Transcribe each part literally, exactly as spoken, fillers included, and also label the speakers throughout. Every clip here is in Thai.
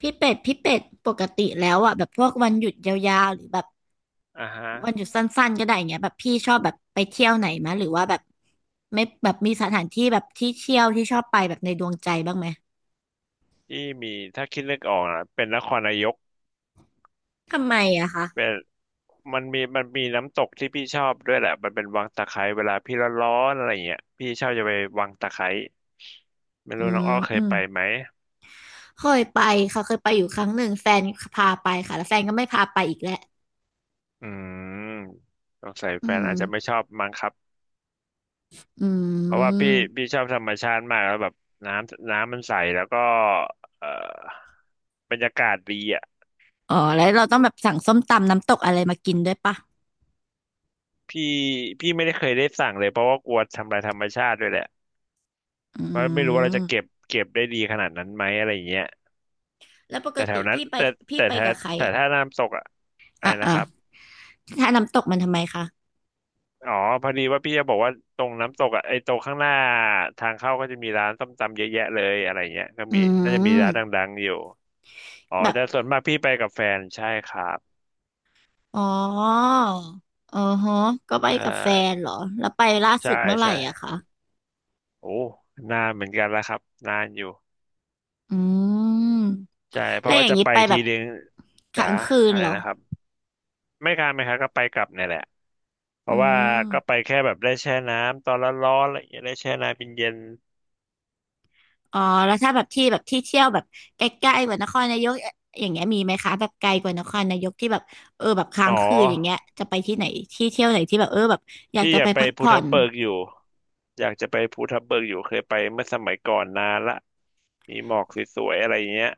Speaker 1: พี่เป็ดพี่เป็ดปกติแล้วอ่ะแบบพวกวันหยุดยาวๆหรือแบบ
Speaker 2: อ่าฮะ
Speaker 1: วันหยุดสั้นๆก็ได้อย่างเงี้ยแบบพี่ชอบแบบไปเที่ยวไหนมะหรือว่าแบบไม่แบบมีสถานที่แบบที่เที่ยวที่ชอบไปแบบในดวงใจบ้างไหม
Speaker 2: ที่มีถ้าคิดนึกออกนะเป็นนครนายก
Speaker 1: ทำไมอะ
Speaker 2: เป็
Speaker 1: คะ
Speaker 2: นมันมีมันมีน้ำตกที่พี่ชอบด้วยแหละมันเป็นวังตะไคร้เวลาพี่ร้อนๆอะไรเงี้ยพี่ชอบจะไปวังตะไคร้ไม่
Speaker 1: อื
Speaker 2: รู้น้อ
Speaker 1: ม
Speaker 2: งอ้อเค
Speaker 1: อื
Speaker 2: ย
Speaker 1: ม
Speaker 2: ไปไหม
Speaker 1: เคยไปค่ะเคยไปอยู่ครั้งหนึ่งแฟนพาไปค่ะแล้วแฟนก็ไม่พาไปอีกแล้ว
Speaker 2: อืมสงสัยแฟ
Speaker 1: อื
Speaker 2: นอาจจะไม่
Speaker 1: ม
Speaker 2: ชอบมั้งครับ
Speaker 1: อื
Speaker 2: เพราะว่าพี่พี่
Speaker 1: ม
Speaker 2: ชอบธรรมชาติมากแล้วแบบน้ำน้ำมันใสแล้วก็เอ่อบรรยากาศดีอ่ะ
Speaker 1: อ๋อแล้วเราต้องแบบสั่งส้มตำน้ำตกอะไรมากินด้วยปะ
Speaker 2: พี่พี่ไม่ได้เคยได้สั่งเลยเพราะว่ากลัวทำลายธรรมชาติด้วยแหละ
Speaker 1: อื
Speaker 2: ไม่ไม่รู้ว่าเราจะเก็บ
Speaker 1: ม
Speaker 2: เก็บได้ดีขนาดนั้นไหมอะไรอย่างเงี้ย
Speaker 1: แล้วปก
Speaker 2: แต่แถว
Speaker 1: ติ
Speaker 2: นั้น
Speaker 1: พี่ไป
Speaker 2: แต่
Speaker 1: พี่
Speaker 2: แต่
Speaker 1: ไป
Speaker 2: ถ้า
Speaker 1: กับใคร
Speaker 2: แต่
Speaker 1: อะ
Speaker 2: ถ้าน้ำตกอะอะไร
Speaker 1: อ่ะ
Speaker 2: นะ
Speaker 1: อ่ะ
Speaker 2: ครับ
Speaker 1: ถ้าน้ำตกมันทำไมคะ
Speaker 2: อ๋อพอดีว่าพี่จะบอกว่าตรงน้ำตกอะไอ้ตรงข้างหน้าทางเข้าก็จะมีร้านส้มตำเยอะแยะเลยอะไรเงี้ยก็
Speaker 1: อื
Speaker 2: มีน่าจะมีร้าน
Speaker 1: ม
Speaker 2: ดังๆอยู่อ๋อ
Speaker 1: แบบ
Speaker 2: แต่ส่วนมากพี่ไปกับแฟนใช่ครับ
Speaker 1: อ๋ออ๋อฮะก็ไป
Speaker 2: ใช่
Speaker 1: กับแฟนเหรอ แล้วไปล่าสุ
Speaker 2: ใช่
Speaker 1: ดเมื่อไหร่
Speaker 2: ใช่
Speaker 1: อะคะ
Speaker 2: โอ้นานเหมือนกันแล้วครับนานอยู่
Speaker 1: อืม
Speaker 2: ใช่เพ
Speaker 1: แล้
Speaker 2: ราะ
Speaker 1: วอ
Speaker 2: ว่า
Speaker 1: ย่าง
Speaker 2: จะ
Speaker 1: นี้
Speaker 2: ไป
Speaker 1: ไปแบ
Speaker 2: ที
Speaker 1: บ
Speaker 2: นึงจ๋า
Speaker 1: ค้างคืน
Speaker 2: อะไร
Speaker 1: เหรอ
Speaker 2: นะครับไม่ค้างไม่ค้างก็ไปกลับเนี่ยแหละ เพ
Speaker 1: อื
Speaker 2: ราะว่าก็ไป
Speaker 1: ม
Speaker 2: แค่แบบได้แช่น้ำตอนร้อนๆอะไรอย่างเงี้ยได้แช่น้ำเย็น
Speaker 1: อ๋อแล้วถ้าแบบที่แบบที่เที่ยวแบบใกล้ๆกว่านครนายกอย่างเงี้ยมีไหมคะแบบไกลกว่านครนายกที่แบบเออแบบ
Speaker 2: ๆ
Speaker 1: ค้า
Speaker 2: อ๋อ
Speaker 1: งคืนอย่างเงี้ยจะไปที่ไหนที่เที่ยวไหนที่แบบเออแบบอยาก
Speaker 2: พี่
Speaker 1: จะ
Speaker 2: อยา
Speaker 1: ไป
Speaker 2: กไป
Speaker 1: พัก
Speaker 2: ภู
Speaker 1: ผ่อ
Speaker 2: ทับ
Speaker 1: น
Speaker 2: เบิกอยู่อยากจะไปภูทับเบิกอยู่เคยไปเมื่อสมัยก่อนนานละมีหมอกสวยๆอะไรอย่างเงี้ย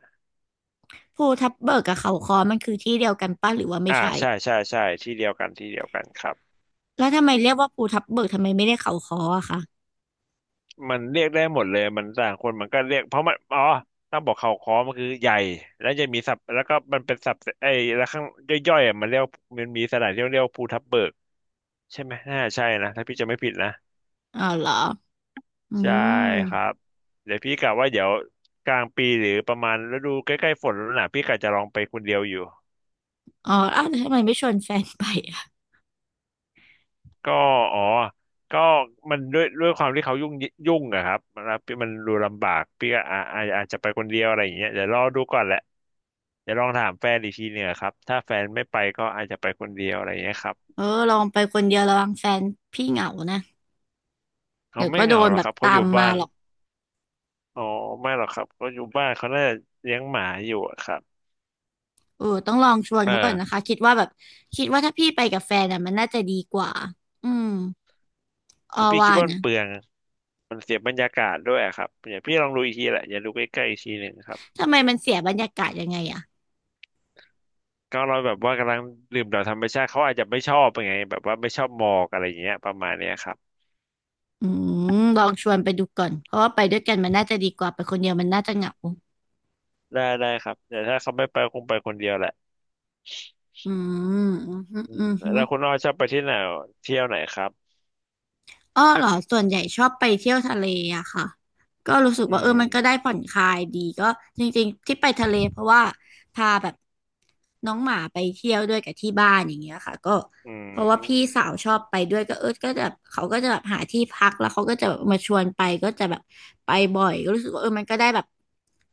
Speaker 1: ภูทับเบิกกับเขาค้อมันคือที่เดียวกันป่ะหรือว่าไม่
Speaker 2: อ่า
Speaker 1: ใช่
Speaker 2: ใช่ใช่ใช่ที่เดียวกันที่เดียวกันครับ
Speaker 1: แล้วทำไมเรียกว่าภูทับเบิกทำไมไม่ได้เขาค้ออะคะ
Speaker 2: มันเรียกได้หมดเลยมันต่างคนมันก็เรียกเพราะมันอ๋อต้องบอกเขาค้อมันคือใหญ่แล้วจะมีสับแล้วก็มันเป็นสับไอ้แล้วข้างย่อยๆอ่ะมันเรียกมันมีสถานที่เรียกว่าภูทับเบิกใช่ไหมน่าใช่นะถ้าพี่จะไม่ผิดนะ
Speaker 1: อ๋อเหรออื
Speaker 2: ใช่
Speaker 1: ม
Speaker 2: ครับเดี๋ยวพี่กะว่าเดี๋ยวกลางปีหรือประมาณฤดูใกล้ๆฝนแล้วนะพี่กะจะลองไปคนเดียวอยู่
Speaker 1: อ๋ออ้าวแล้วทำไมไม่ชวนแฟนไปอะ
Speaker 2: ก็อ๋อก็มันด้วยด้วยความที่เขายุ่งยุ่งอะครับมันมันดูลำบากพี่ก็อาอาอาจจะไปคนเดียวอะไรอย่างเงี้ยเดี๋ยวรอดูก่อนแหละเดี๋ยวลองถามแฟนอีกทีหนึ่งอะครับถ้าแฟนไม่ไปก็อาจจะไปคนเดียวอะไรอย่างเงี้ยครับ
Speaker 1: เออลองไปคนเดียวระวังแฟนพี่เหงานะ
Speaker 2: เขา
Speaker 1: เดี๋ยว
Speaker 2: ไม่
Speaker 1: ก็
Speaker 2: เห
Speaker 1: โด
Speaker 2: งา
Speaker 1: น
Speaker 2: หรอ
Speaker 1: แบ
Speaker 2: กค
Speaker 1: บ
Speaker 2: รับเขา
Speaker 1: ตา
Speaker 2: อ
Speaker 1: ม
Speaker 2: ยู่
Speaker 1: มา
Speaker 2: บ้าน
Speaker 1: หรอก
Speaker 2: อ๋อไม่หรอกครับเขาอยู่บ้านเขาน่าจะเลี้ยงหมาอยู่อะครับ
Speaker 1: เออต้องลองชวน
Speaker 2: เอ
Speaker 1: เขาก่อนนะคะ
Speaker 2: อ
Speaker 1: คิดว่าแบบคิดว่าถ้าพี่ไปกับแฟนอะมันน่าจะดีกว่าอืม
Speaker 2: แต่
Speaker 1: อ้อ
Speaker 2: พี่คิ
Speaker 1: ว่า
Speaker 2: ดว่ามัน
Speaker 1: นะ
Speaker 2: เปลือง มันเสียบรรยากาศด้วยอะครับอย่าพี่ลองดูอีกทีแหละอย่าดูใกล้ๆอีกทีหนึ่งครับ
Speaker 1: ทำไมมันเสียบรรยากาศยังไงอะ
Speaker 2: ก็เราแบบว่ากำลังดื่มด่ำธรรมชาติเขาอาจจะไม่ชอบไงแบบว่าไม่ชอบหมอกอะไรอย่างเงี้ยประมาณเนี้ยครับ
Speaker 1: อืมลองชวนไปดูก่อนเพราะว่าไปด้วยกันมันน่าจะดีกว่าไปคนเดียวมันน่าจะเหงา
Speaker 2: ได้ได้ครับแต่ถ้าเขาไม่ไปคงไปคนเดียวแหละ
Speaker 1: อืมอืม
Speaker 2: อื
Speaker 1: อื
Speaker 2: ม
Speaker 1: ม
Speaker 2: แล้วคุณอ้อชอบไปที่ไหนเที่ยวไหนครับ
Speaker 1: อ้อเหรอส่วนใหญ่ชอบไปเที่ยวทะเลอะค่ะก็รู้สึก
Speaker 2: อื
Speaker 1: ว่าเออมันก็ได้
Speaker 2: ม
Speaker 1: ผ่อนคลายดีก็จริงๆที่ไปทะเลเพราะว่าพาแบบน้องหมาไปเที่ยวด้วยกับที่บ้านอย่างเงี้ยค่ะก็
Speaker 2: อื
Speaker 1: เพราะว่าพี่
Speaker 2: ม
Speaker 1: สาวชอบไปด้วยก็เออก็จะแบบเขาก็จะแบบหาที่พักแล้วเขาก็จะแบบมาชวนไปก็จะแบบไปบ่อยก็รู้สึกว่าเออมันก็ได้แบบ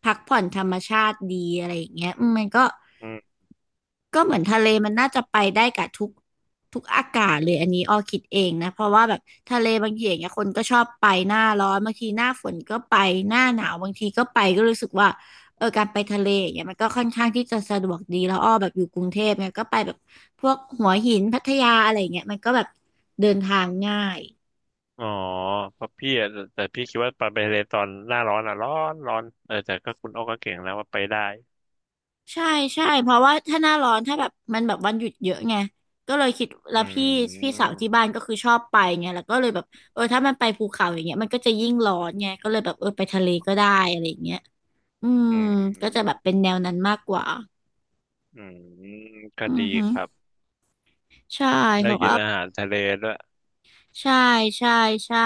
Speaker 1: พักผ่อนธรรมชาติดีอะไรอย่างเงี้ยอืมมันก็
Speaker 2: อืม
Speaker 1: ก็เหมือนทะเลมันน่าจะไปได้กับทุกทุกอากาศเลยอันนี้ออคิดเองนะเพราะว่าแบบทะเลบางทีอย่างเงี้ยคนก็ชอบไปหน้าร้อนบางทีหน้าฝนก็ไปหน้าหนาวบางทีก็ไปก็รู้สึกว่าเออการไปทะเลอย่างเงี้ยมันก็ค่อนข้างที่จะสะดวกดีแล้วอ้อแบบอยู่กรุงเทพเนี่ยก็ไปแบบพวกหัวหินพัทยาอะไรอย่างเงี้ยมันก็แบบเดินทางง่าย
Speaker 2: อ๋อเพราะพี่อะแต่แต่พี่คิดว่าไปทะเลตอนหน้าร้อนอ่ะร้อนร้อนเออแต่ก็คุณอ้อก็เก่งแล้วว่าไปได้
Speaker 1: ใช่ใช่เพราะว่าถ้าหน้าร้อนถ้าแบบมันแบบวันหยุดเยอะไงก็เลยคิดแล้
Speaker 2: อื
Speaker 1: วพี่พี่สา
Speaker 2: ม
Speaker 1: วที่บ้านก็คือชอบไปไงแล้วก็เลยแบบเออถ้ามันไปภูเขาอย่างเงี้ยมันก็จะยิ่งร้อนไงก็เลยแบบเออไปทะเลก็ได้อะไรอย่างเงี้ยอืม
Speaker 2: อื
Speaker 1: ก็จะแบบ
Speaker 2: ม
Speaker 1: เป็นแนวนั้นมากกว่า
Speaker 2: อืมก็
Speaker 1: อื
Speaker 2: ดี
Speaker 1: อฮึ
Speaker 2: ครับ
Speaker 1: ใช่
Speaker 2: ได้
Speaker 1: เพราะ
Speaker 2: กิน
Speaker 1: ว่า
Speaker 2: อาหารทะเลด้วย
Speaker 1: ใช่ใช่ใช่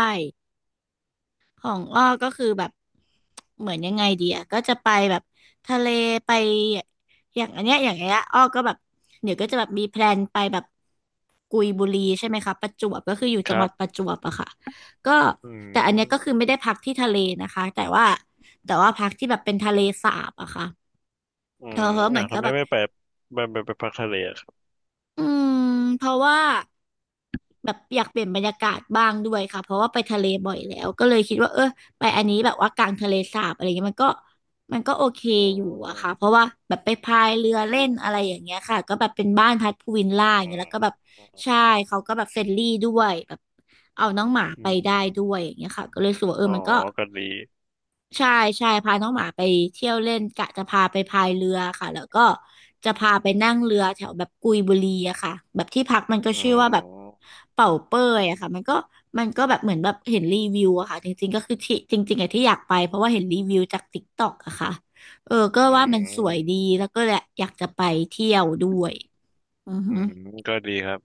Speaker 1: ของอ้อก็คือแบบเหมือนยังไงดีอะก็จะไปแบบทะเลไปอย่างอันเนี้ยอย่างเงี้ยอ้อก็แบบเดี๋ยวก็จะแบบมีแพลนไปแบบกุยบุรีใช่ไหมคะประจวบก็คืออยู่
Speaker 2: ค
Speaker 1: จังห
Speaker 2: รั
Speaker 1: วัด
Speaker 2: บ
Speaker 1: ประจวบอะค่ะก็
Speaker 2: อื
Speaker 1: แต่อันเนี้ยก็คือ
Speaker 2: ม
Speaker 1: ไม่ได้พักที่ทะเลนะคะแต่ว่าแต่ว่าพักที่แบบเป็นทะเลสาบอะค่ะ
Speaker 2: อื
Speaker 1: เออ
Speaker 2: ม
Speaker 1: เหมื
Speaker 2: อ่ะ
Speaker 1: อนก็
Speaker 2: ทำไม
Speaker 1: แบบ
Speaker 2: ไม่ไปไปไปไปพักทะเลอะครับ
Speaker 1: อืมเพราะว่า แบบอยากเปลี่ยนบรรยากาศบ้างด้วยค่ะเพราะว่าไปทะเลบ่อยแล้วก็เลยคิดว่าเออไปอันนี้แบบว่ากลางทะเลสาบอะไรเงี้ยมันก็มันก็โอเค
Speaker 2: อื
Speaker 1: อยู่อะค่ะเพ
Speaker 2: ม
Speaker 1: ราะว่าแบบไปพายเรือเล่นอะไรอย่างเงี้ยค่ะก็แบบเป็นบ้านพักพูวิลล่าอย่า
Speaker 2: อื
Speaker 1: งเงี้ย
Speaker 2: ม
Speaker 1: แล้วก็แบบ
Speaker 2: อืม
Speaker 1: ใช่เขาก็แบบเฟรนลี่ด้วยแบบเอาน้องหมา
Speaker 2: อื
Speaker 1: ไป
Speaker 2: ม
Speaker 1: ได้ด้วยอย่างเงี้ยค่ะก็เลยรู้สึกว่าเอ
Speaker 2: อ๋
Speaker 1: อ
Speaker 2: อ
Speaker 1: มันก็
Speaker 2: ก็ดี
Speaker 1: ใช่ใช่พาน้องหมาไปเที่ยวเล่นกะจะพาไปพายเรือค่ะแล้วก็จะพาไปนั่งเรือแถวแบบกุยบุรีอะค่ะแบบที่พักมันก็
Speaker 2: อื
Speaker 1: ชื่อว่าแบบ
Speaker 2: ม
Speaker 1: เป่าเป้ยอะค่ะมันก็มันก็แบบเหมือนแบบเห็นรีวิวอะค่ะจริงๆก็คือที่จริงๆอะที่อยากไปเพราะว่าเห็นรีวิวจากติ๊กต็อกอะค่ะเออก็
Speaker 2: อื
Speaker 1: ว่ามันสวยดี
Speaker 2: ม
Speaker 1: แล้วก็แหละอยากจะไปเที่ยวด้วยอือ
Speaker 2: อื
Speaker 1: ฮึ
Speaker 2: มก็ดีครับ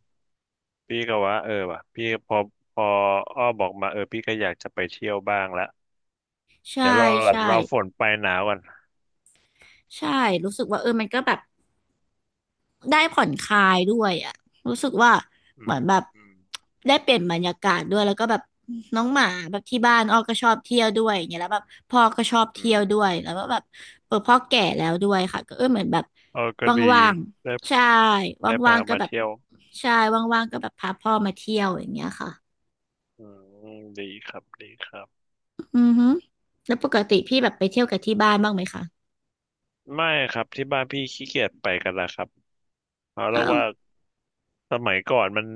Speaker 2: พี่ก็ว่าเออว่ะพี่พอพออ้อบอกมาเออพี่ก็อยากจะไปเที่ยวบ้างละ
Speaker 1: ใช่
Speaker 2: เดี๋ยวรอก่อน
Speaker 1: ใช่
Speaker 2: รอฝนไปหนาวก่อน
Speaker 1: ใช่รู้สึกว่าเออมันก็แบบ ได้ผ่อนคลายด้วยอ่ะรู้สึกว่า
Speaker 2: อื
Speaker 1: เหมือ
Speaker 2: ม
Speaker 1: นแบบ
Speaker 2: อืม
Speaker 1: ได้เปลี่ยนบรรยากาศด้วย แล้วก็แบบน้องหมาแบบที่บ้านอ้อก็ชอบเที่ยวด้วยอย่างเงี้ยแล้วแบบพ่อก็ชอบ
Speaker 2: อื
Speaker 1: เที่ยว
Speaker 2: ม
Speaker 1: ด้วยแล้วก็แบบเออพ่อแก่แล้วด้วยค่ะก็เออเหมือนแบบ
Speaker 2: เออก็ดี
Speaker 1: ว่าง
Speaker 2: ได้
Speaker 1: ๆ ใช่
Speaker 2: ได้พา
Speaker 1: ว่างๆก็
Speaker 2: มา
Speaker 1: แบบ
Speaker 2: เที่ยว
Speaker 1: ใช่ว่างๆก็แบบพาพ่อมาเที่ยวอย่างเงี้ยค่ะ
Speaker 2: อืมดีครับดีครับ
Speaker 1: อือฮึแล้วปกติพี่แบบไปเที่ยวกับที่บ้านบ้างไหมคะ
Speaker 2: ไม่ครับที่บ้านพี่ขี้เกียจไปกันแล้วครับเอาเรี
Speaker 1: อ้า
Speaker 2: ยก
Speaker 1: ว
Speaker 2: ว่าสมัยก่อนมัน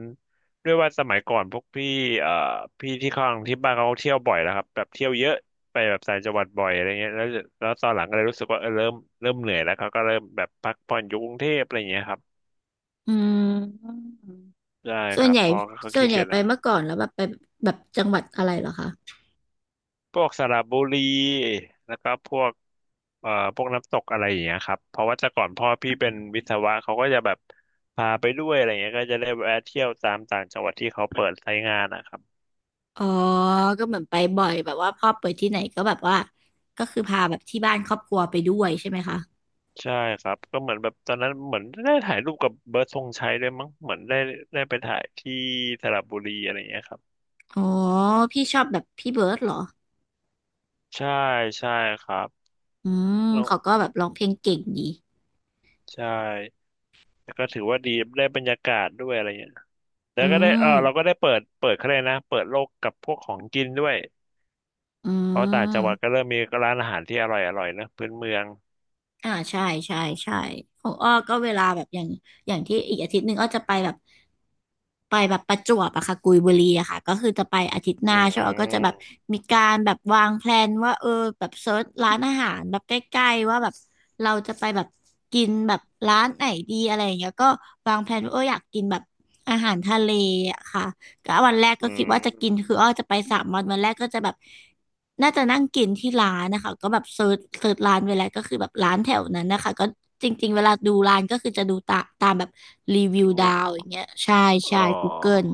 Speaker 2: ด้วยว่าสมัยก่อนพวกพี่เอ่อพี่ที่ข้างที่บ้านเขาเที่ยวบ่อยแล้วครับแบบเที่ยวเยอะไปแบบต่างจังหวัดบ่อยอะไรเงี้ยแล้วแล้วตอนหลังก็เลยรู้สึกว่าเออเริ่มเริ่มเหนื่อยแล้วเขาก็เริ่มแบบพักผ่อนอยู่กรุงเทพอะไรเงี้ยครับ
Speaker 1: อืม
Speaker 2: ได้
Speaker 1: ส่
Speaker 2: ค
Speaker 1: วน
Speaker 2: รับ
Speaker 1: ใหญ่
Speaker 2: พอเขา
Speaker 1: ส่ว
Speaker 2: ขี้
Speaker 1: นใหญ่
Speaker 2: เกียจ
Speaker 1: ไป
Speaker 2: แล้ว
Speaker 1: เมื่อก่อนแล้วแบบไปแบบจังหวัดอะไรเหรอคะ
Speaker 2: พวกสระบุรีแล้วก็พวก เอ่อพวกน้ำตกอะไรอย่างเงี้ยครับเพราะว่าแต่ก่อนพ่อพี่เป็นวิศวะเขาก็จะแบบพาไปด้วยอะไรเงี้ยก็จะได้แวะเที่ยวตามต่างจังหวัดที่เขาเปิดใช้งานนะครับ
Speaker 1: อ๋อก็เหมือนไปบ่อยแบบว่าพ่อไปที่ไหนก็แบบว่าก็คือพาแบบที่บ้านครอบครัวไปด้วยใช่ไหมคะ
Speaker 2: ใช่ครับก็เหมือนแบบตอนนั้นเหมือนได้ถ่ายรูปกับเบิร์ดธงชัยด้วยมั้งเหมือนได้ได้ไปถ่ายที่สระบุรีอะไรอย่างเงี้ยครับ
Speaker 1: อ๋อพี่ชอบแบบพี่เบิร์ดเหรอ
Speaker 2: ใช่ใช่ครับ
Speaker 1: อืม
Speaker 2: แล้ว
Speaker 1: เขาก็แบบร้องเพลงเก่งดี
Speaker 2: ใช่แล้วก็ถือว่าดีได้บรรยากาศด้วยอะไรเงี้ยแล้
Speaker 1: อื
Speaker 2: วก็ได้เออ
Speaker 1: ม
Speaker 2: เราก็ได้เปิดเปิดเขาเลยกนะเปิดโลกกับพวกของกินด้วย
Speaker 1: อื
Speaker 2: เพราะต่างจังหวัดก็
Speaker 1: ม
Speaker 2: เริ่มมีร้านอาหารที่อร่อยอร่อยนะพื้นเมือง
Speaker 1: อ่าใช่ใช่ใช่ของอ้อก็เวลาแบบอย่างอย่างที่อีกอาทิตย์หนึ่งอ้อจะไปแบบ ไปแบบประจวบอะค่ะกุยบุรีอะค่ะก็คือจะไปอาทิตย์ห
Speaker 2: อื
Speaker 1: น้าใช่ไหมก็จะแบบ
Speaker 2: ม
Speaker 1: มีการแบบวางแพลนว่าเออแบบเซิร์ชร้านอาหารแบบใกล้ๆว่าแบบเราจะไปแบบกินแบบร้านไหนดีอะไรอย่างเงี้ยก็วางแพลนว่าเอออยากกินแบบอาหารทะเลอะค่ะ ก็วันแรกก็
Speaker 2: อื
Speaker 1: คิด
Speaker 2: ม
Speaker 1: ว่าจะกินคืออ้อจะไปสามวันวันแรกก็จะแบบน่าจะนั่งกินที่ร้านนะคะก็แบบเซิร์ชเซิร์ชร้านไว้แล้วก็คือแบบร้านแถวนั้นนะคะก็จริงๆเวลาดูร้านก็คือจะดูตาตามแบบรีวิว
Speaker 2: ดู
Speaker 1: ดาวอย่างเงี้ยใช่
Speaker 2: อ๋
Speaker 1: ใช่
Speaker 2: อ
Speaker 1: กูเกิล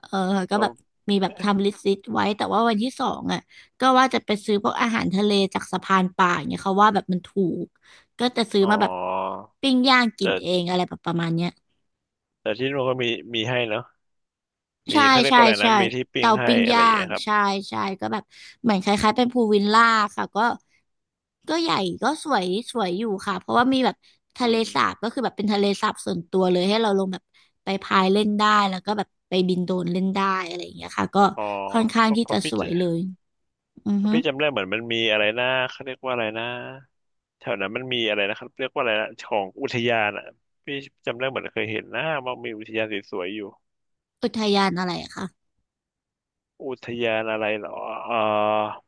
Speaker 1: เออก็
Speaker 2: ก็
Speaker 1: แบบมีแบบทำลิสต์ไว้แต่ว่าวันที่สองอ่ะก็ว่าจะไปซื้อพวกอาหารทะเลจากสะพานป่าอย่างเงี้ยเขาว่าแบบมันถูกก็จะซื้อ
Speaker 2: อ๋อ
Speaker 1: มาแบบปิ้งย่างกิน
Speaker 2: แต่
Speaker 1: เองอะไรแบบประมาณเนี้ย
Speaker 2: แต่ที่นู่นก็มีมีให้เนาะมี
Speaker 1: ใช่
Speaker 2: เขาเรียก
Speaker 1: ใช่
Speaker 2: ว่าอะไร
Speaker 1: ใช่
Speaker 2: นะมีที่ปิ้ง
Speaker 1: เตา
Speaker 2: ให้
Speaker 1: ปิ้ง
Speaker 2: อะไร
Speaker 1: ย่า
Speaker 2: อย่างเงี้
Speaker 1: ง
Speaker 2: ยครับ
Speaker 1: ใช่ใช่ก็แบบเหมือนคล้ายๆเป็นพูลวิลล่าค่ะก็ก็ใหญ่ก็สวยสวยอยู่ค่ะเพราะว่ามีแบบทะ
Speaker 2: อื
Speaker 1: เล
Speaker 2: ม
Speaker 1: สาบก็คือแบบเป็นทะเลสาบส่วนตัวเลยให้เราลงแบบไปพายเล่นได้แล้วก็แบบไปบินโดรนเล่นได้อะไรอย่างเงี้ยค่ะก็
Speaker 2: อ๋อ
Speaker 1: ค่อนข้า
Speaker 2: เพ
Speaker 1: ง
Speaker 2: ราะ
Speaker 1: ที่
Speaker 2: เพ
Speaker 1: จะ
Speaker 2: ราะ
Speaker 1: ส
Speaker 2: พี่
Speaker 1: ว
Speaker 2: จะ
Speaker 1: ยเลยอือ
Speaker 2: เพราะ
Speaker 1: ฮึ
Speaker 2: พี่จำได้เหมือนมันมีอะไรนะเขาเรียกว่าอะไรนะแถวนั้นมันมีอะไรนะครับเรียกว่าอะไรนะของอุทยานอ่ะพี่จำได้เหมือนเคยเห็นนะว่ามีอุทยานสวยๆอยู่
Speaker 1: อุทยานอะไรอะคะ
Speaker 2: อุทยานอะไรเหรอเอ่อ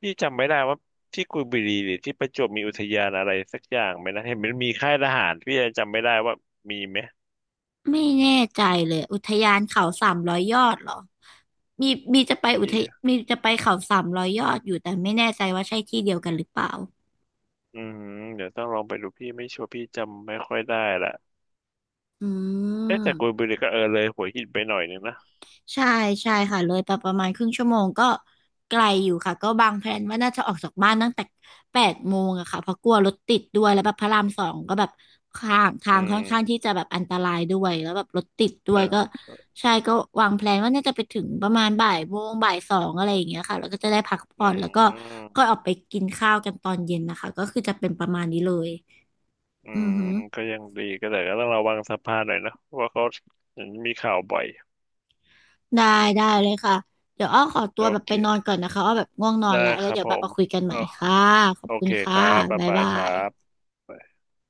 Speaker 2: พี่จำไม่ได้ว่าที่กุยบุรีหรือที่ประจวบมีอุทยานอะไรสักอย่างไหมนะเห็นมันมีค่ายทหารพี่ยังจำไม่ได้ว่ามีไหม
Speaker 1: ไม่แน่ใจเลยอุทยานเขาสามร้อยยอดเหรอมีมีจะไปอุ
Speaker 2: พี่
Speaker 1: ทยมีจะไปเขาสามร้อยยอดอยู่แต่ไม่แน่ใจว่าใช่ที่เดียวกันหรือเปล่า
Speaker 2: อืมเดี๋ยวต้องลองไปดูพี่ไม่ชัวร์พี่จำไม่ค่อยได้ละ
Speaker 1: อื
Speaker 2: เอ๊ะแต่กุย
Speaker 1: ม
Speaker 2: บุรีก็เออเลยหัวหินไปหน่อยนึงนะ
Speaker 1: ใช่ใช่ค่ะเลยไปประมาณครึ่งชั่วโมงก็ไกลอยู่ค่ะก็บางแพลนว่าน่าจะออกจากบ้านตั้งแต่แปดโมงอะค่ะเพราะกลัวรถติดด้วยแล้วแบบพระรามสองก็แบบทางทา
Speaker 2: อื
Speaker 1: งค่อ
Speaker 2: ม
Speaker 1: นข้างที่จะแบบอันตรายด้วยแล้วแบบรถติดด้ว
Speaker 2: อ่
Speaker 1: ยก็
Speaker 2: า
Speaker 1: ใช่ก็วางแพลนว่าน่าจะไปถึงประมาณบ่ายโมงบ่ายสองอะไรอย่างเงี้ยค่ะแล้วก็จะได้พัก
Speaker 2: อื
Speaker 1: ผ่อนแล้วก็
Speaker 2: ม
Speaker 1: ก็ออกไปกินข้าวกันตอนเย็นนะคะก็คือจะเป็นประมาณนี้เลย
Speaker 2: อื
Speaker 1: อื
Speaker 2: ม
Speaker 1: อหือ
Speaker 2: ก็ยังดีก็แต่ก็ต้องระวังสะพานหน่อยนะเพราะว่าเขาเห็นมีข่าวบ่อย
Speaker 1: ได้ได้เลยค่ะ เดี๋ยวอ้อขอตัว
Speaker 2: โอ
Speaker 1: แบบ
Speaker 2: เค
Speaker 1: ไปนอนก่อนนะคะอ้อแบบง่วงนอน
Speaker 2: ได้
Speaker 1: แล้วแล้
Speaker 2: ค
Speaker 1: ว
Speaker 2: รับ
Speaker 1: เดี๋ยว
Speaker 2: ผ
Speaker 1: แบบ
Speaker 2: ม
Speaker 1: มาคุยกันให
Speaker 2: อ๋
Speaker 1: ม่
Speaker 2: อ
Speaker 1: ค่ะขอบ
Speaker 2: โอ
Speaker 1: คุ
Speaker 2: เค
Speaker 1: ณ
Speaker 2: ค
Speaker 1: ค่ะ
Speaker 2: รับบ๊าย
Speaker 1: บ๊าย
Speaker 2: บาย
Speaker 1: บา
Speaker 2: ครั
Speaker 1: ย
Speaker 2: บ